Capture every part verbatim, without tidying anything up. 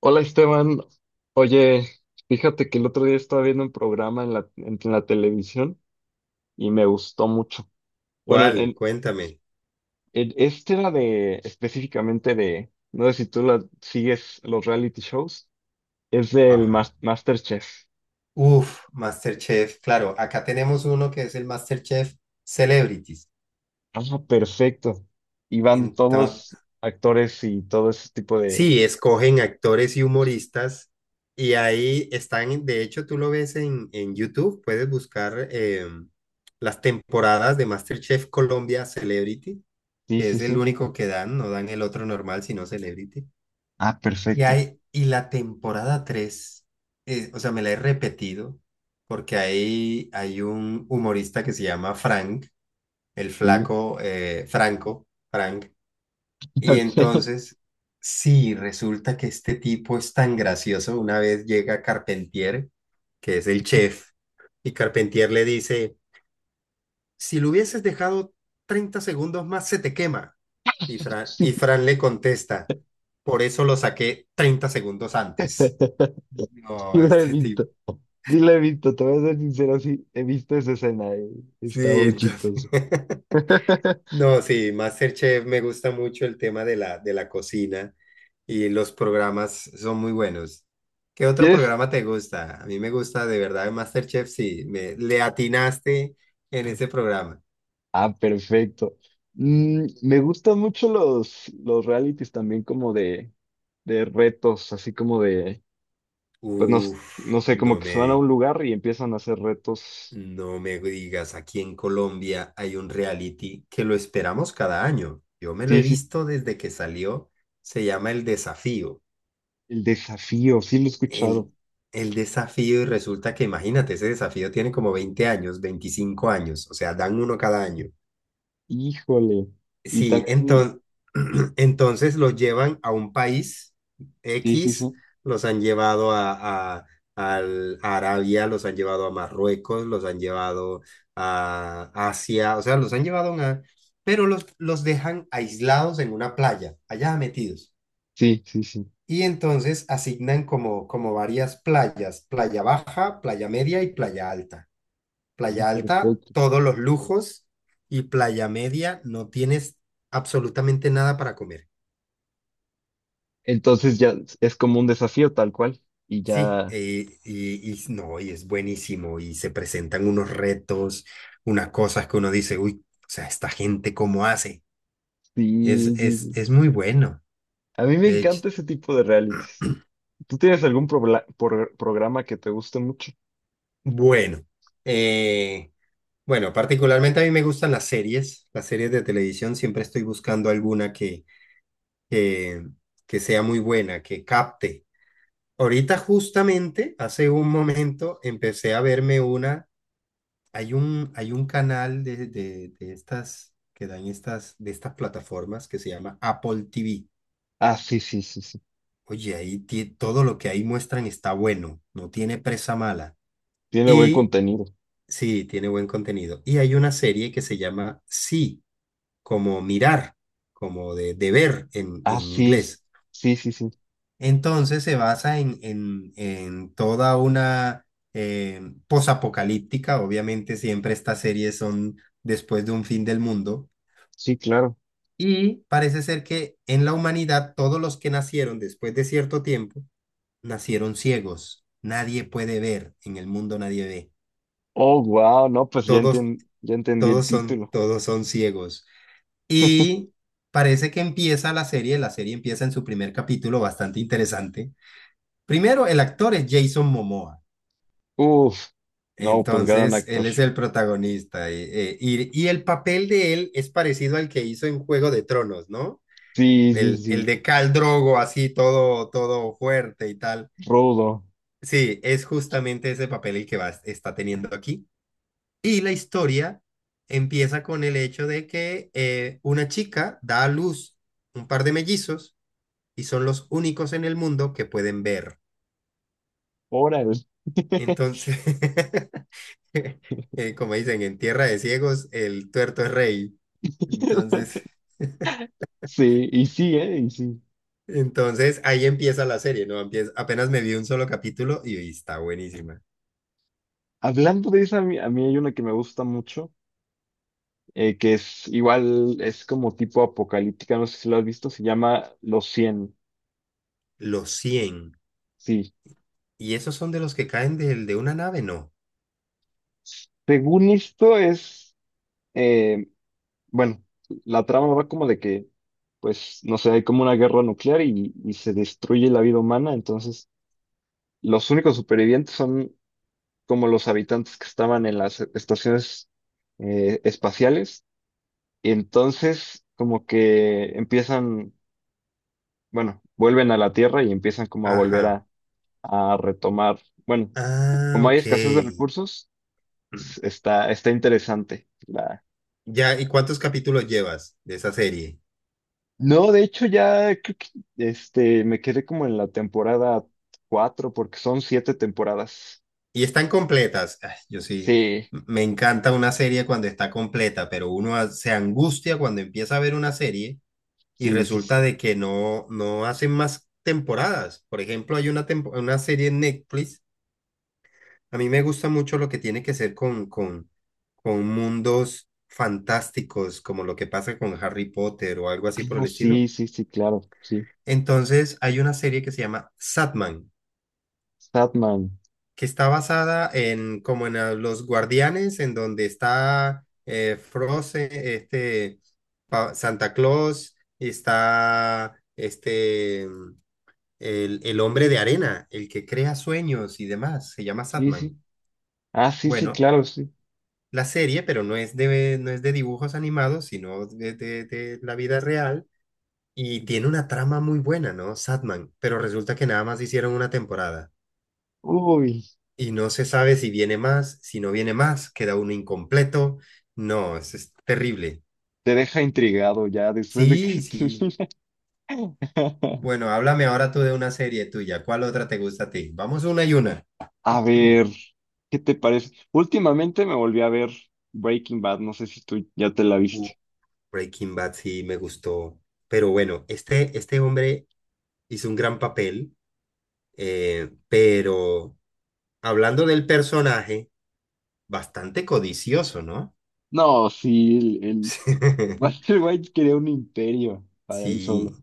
Hola Esteban, oye, fíjate que el otro día estaba viendo un programa en la, en, la televisión y me gustó mucho. Bueno, ¿Cuál? en- Cuéntame. en- este era de específicamente de, no sé si tú la, sigues los reality shows, es del Ajá. Mas- MasterChef. Uf, MasterChef. Claro, acá tenemos uno que es el MasterChef Celebrities. Ah, perfecto. Y van todos Entonces, actores y todo ese tipo de... sí, escogen actores y humoristas y ahí están, de hecho, tú lo ves en, en YouTube, puedes buscar eh, las temporadas de MasterChef Colombia Celebrity, Sí, que sí, es el sí. único que dan, no dan el otro normal, sino Celebrity. Ah, Y, perfecto. hay, y la temporada tres, o sea, me la he repetido porque ahí hay un humorista que se llama Frank, el Sí, flaco eh, Franco, Frank. Y ok. entonces, sí, resulta que este tipo es tan gracioso. Una vez llega Carpentier, que es el chef, y Carpentier le dice, si lo hubieses dejado treinta segundos más, se te quema. Y Fran, Sí, y Fran le contesta, por eso lo saqué treinta segundos antes. No, la he este visto. tipo. Sí la he visto, te voy a ser sincero, sí, he visto esa escena, eh, está Sí, muy entonces. chistoso. No, sí, MasterChef me gusta mucho el tema de la, de la cocina y los programas son muy buenos. ¿Qué otro ¿Quieres? programa te gusta? A mí me gusta de verdad el MasterChef, sí, me, le atinaste en ese programa. Ah, perfecto. Mm, me gustan mucho los, los realities también como de, de retos, así como de, pues no, s- Uf, no sé, como no que me, se van a un di- lugar y empiezan a hacer retos. no me digas, aquí en Colombia hay un reality que lo esperamos cada año. Yo me lo Sí, he sí, visto desde que salió, se llama El Desafío. el desafío, sí lo he escuchado. el, el desafío y resulta que, imagínate, ese desafío tiene como veinte años, veinticinco años, o sea, dan uno cada año. Híjole. Y Sí, también, entonces, entonces los llevan a un país sí, sí, X, sí. los han llevado a, a- al- a Arabia, los han llevado a Marruecos, los han llevado a Asia, o sea, los han llevado a una... Pero los, los dejan aislados en una playa, allá metidos. Sí, sí, sí. Y entonces asignan como, como varias playas, playa baja, playa media y playa alta. Playa alta, Perfecto. todos los lujos y playa media, no tienes absolutamente nada para comer. Entonces ya es como un desafío tal cual y Sí, ya. eh, y, y no, y es buenísimo y se presentan unos retos, unas cosas que uno dice, uy, o sea, esta gente cómo hace. Es, Sí, sí, es, sí. es muy bueno, A mí me de hecho. encanta ese tipo de reality. ¿Tú tienes algún probla- por- programa que te guste mucho? Bueno, eh, bueno, particularmente a mí me gustan las series, las series de televisión, siempre estoy buscando alguna que, que, que sea muy buena, que capte. Ahorita justamente, hace un momento, empecé a verme una, hay un, hay un canal de, de, de estas, que dan estas, de estas plataformas que se llama Apple T V. Ah, sí, sí, sí, sí. Oye, ahí ti- todo lo que ahí muestran está bueno, no tiene presa mala. Tiene buen Y contenido. sí, tiene buen contenido. Y hay una serie que se llama Sí. Como mirar, como de, de ver en, Ah, en sí, inglés. sí, sí, sí. Entonces se basa en, en, en toda una eh, posapocalíptica. Obviamente siempre estas series son después de un fin del mundo. Sí, claro. Y parece ser que en la humanidad todos los que nacieron después de cierto tiempo nacieron ciegos. Nadie puede ver, en el mundo nadie ve. Oh, wow, no, pues ya Todos, enten- ya entendí el todos son, título. todos son ciegos. Y parece que empieza la serie, la serie empieza en su primer capítulo bastante interesante. Primero, el actor es Jason Momoa, Uf, no, pues gran entonces actor. él es el protagonista eh, eh, y, y el papel de él es parecido al que hizo en Juego de Tronos, ¿no? Sí, sí, El, el sí. de Khal Drogo, así todo, todo fuerte y tal. Rudo. Sí, es justamente ese papel el que va, está teniendo aquí. Y la historia empieza con el hecho de que eh, una chica da a luz un par de mellizos y son los únicos en el mundo que pueden ver. Órale. Entonces, eh, como dicen, en tierra de ciegos el tuerto es rey. Entonces, Sí, y sí, eh, y sí. entonces ahí empieza la serie, ¿no? Empieza, apenas me vi un solo capítulo y, y está buenísima. Hablando de esa, a mí, a mí hay una que me gusta mucho, eh, que es igual, es como tipo apocalíptica, no sé si lo has visto, se llama Los cien. Los cien. Sí. ¿Y esos son de los que caen del de una nave? No. Según esto es, eh, bueno, la trama va como de que, pues, no sé, hay como una guerra nuclear y, y se destruye la vida humana, entonces los únicos supervivientes son como los habitantes que estaban en las estaciones eh, espaciales, y entonces como que empiezan, bueno, vuelven a la Tierra y empiezan como a volver Ajá. a a retomar, bueno, Ah, como hay ok. escasez de recursos, s- está, está interesante. La- Ya, ¿y cuántos capítulos llevas de esa serie? No, de hecho ya creo que este, me quedé como en la temporada cuatro porque son siete temporadas. Y están completas. Ay, yo sí, Sí, m- me encanta una serie cuando está completa, pero uno a- se angustia cuando empieza a ver una serie y sí, sí. Sí. resulta de que no, no hacen más temporadas. Por ejemplo, hay una, tempo- una serie en Netflix. A mí me gusta mucho lo que tiene que ser con, con, con mundos fantásticos, como lo que pasa con Harry Potter o algo así por Ah, el estilo. sí, sí, sí, claro, sí. Entonces, hay una serie que se llama Sandman. Statman, Que está basada en como en a- los Guardianes, en donde está eh, Frozen, este pa- Santa Claus, y está este mm, el, el hombre de arena, el que crea sueños y demás, se llama sí, Satman. sí. Ah, sí, sí, Bueno, claro, sí. la serie, pero no es de, no es de dibujos animados, sino de, de, de la vida real. Y tiene una trama muy buena, ¿no? Satman, pero resulta que nada más hicieron una temporada. Uy, Y no se sabe si viene más, si no viene más, queda uno incompleto. No, es, es terrible. te deja intrigado ya después de Sí, que sí. termina. Bueno, háblame ahora tú de una serie tuya. ¿Cuál otra te gusta a ti? Vamos una y una. A ver, ¿qué te parece? Últimamente me volví a ver Breaking Bad, no sé si tú ya te la Uh, viste. Breaking Bad sí me gustó. Pero bueno, este, este hombre hizo un gran papel, eh, pero hablando del personaje, bastante codicioso, ¿no? No, sí, el, el- Walter White quería un imperio para él Sí. solo.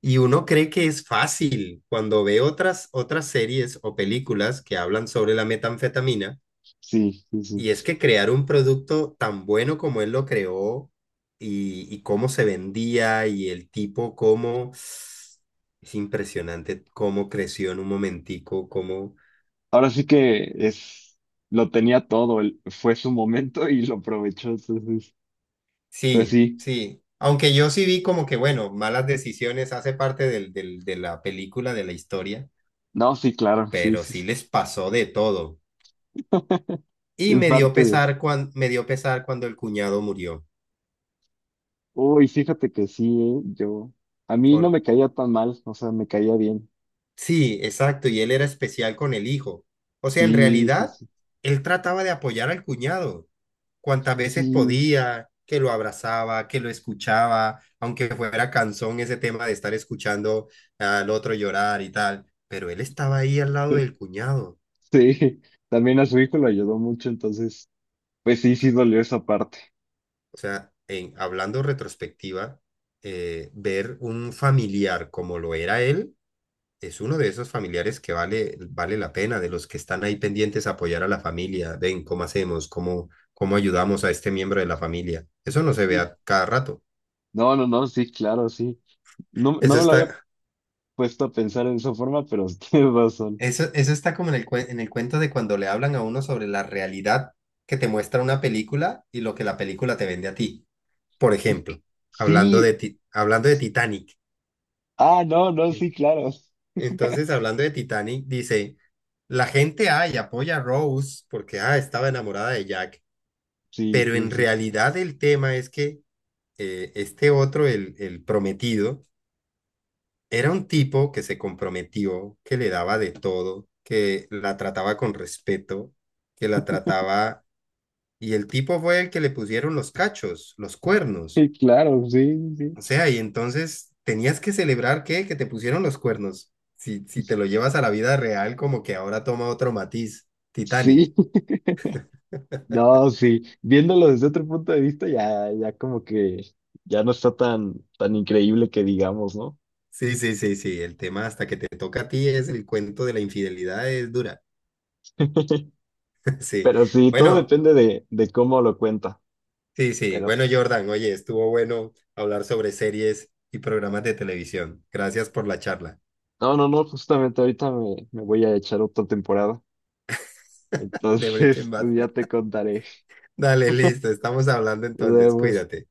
Y uno cree que es fácil cuando ve otras, otras series o películas que hablan sobre la metanfetamina. Sí, sí, Y es sí. que crear un producto tan bueno como él lo creó y, y cómo se vendía y el tipo cómo... Es impresionante cómo creció en un momentico, cómo... Ahora sí que es, lo tenía todo, él- fue su momento y lo aprovechó. Entonces, pues Sí, sí, sí. Aunque yo sí vi como que, bueno, malas decisiones hace parte del, del- de la película, de la historia, no, sí, claro, sí, pero sí, sí sí. les pasó de todo. Y Es me dio parte de. pesar cuando, me dio pesar cuando el cuñado murió. Uy, fíjate que sí, eh, yo. A mí no Por, me caía tan mal, o sea, me caía bien. sí, exacto, y él era especial con el hijo. O sea, en Sí, sí, realidad, sí. él trataba de apoyar al cuñado cuantas veces Sí, podía, que lo abrazaba, que lo escuchaba, aunque fuera cansón ese tema de estar escuchando al otro llorar y tal. Pero él estaba ahí al lado del cuñado. sí. También a su hijo lo ayudó mucho, entonces, pues sí, sí dolió esa parte. O sea, en, hablando retrospectiva, eh, ver un familiar como lo era él. Es uno de esos familiares que vale, vale la pena, de los que están ahí pendientes a apoyar a la familia. Ven, ¿cómo hacemos? ¿Cómo, cómo ayudamos a este miembro de la familia? Eso no se ve Sí. a cada rato. No, no, no, sí, claro, sí. No, no Eso me lo había está, puesto a pensar en esa forma, pero tienes razón. eso, eso está como en el, cuen- en el cuento de cuando le hablan a uno sobre la realidad que te muestra una película y lo que la película te vende a ti. Por ejemplo, hablando de, Sí, ti- hablando de Titanic. ah, no, no, En- sí, claro. Entonces, hablando de Titanic, dice, la gente, ay, apoya a Rose porque, ah, estaba enamorada de Jack. Sí, Pero sí, en sí. realidad el tema es que eh, este otro, el, el prometido, era un tipo que se comprometió, que le daba de todo, que la trataba con respeto, que la trataba... Y el tipo fue el que le pusieron los cachos, los cuernos. Sí, claro, sí, sí. O sea, y entonces tenías que celebrar que, que te pusieron los cuernos. Si, si te lo llevas a la vida real, como que ahora toma otro matiz, Titanic. Sí, no, sí. Viéndolo desde otro punto de vista, ya, ya como que ya no está tan, tan increíble que digamos, ¿no? Sí, sí, sí, sí. El tema hasta que te toca a ti es el cuento de la infidelidad, es dura. Sí, Pero sí, todo bueno, depende de, de cómo lo cuenta. sí, sí. Pero Bueno, Jordan, oye, estuvo bueno hablar sobre series y programas de televisión. Gracias por la charla no, no, no, justamente ahorita me, me voy a echar otra temporada. de Breaking Entonces, Bad. pues ya te contaré. Dale, listo, estamos hablando Nos entonces, vemos. cuídate.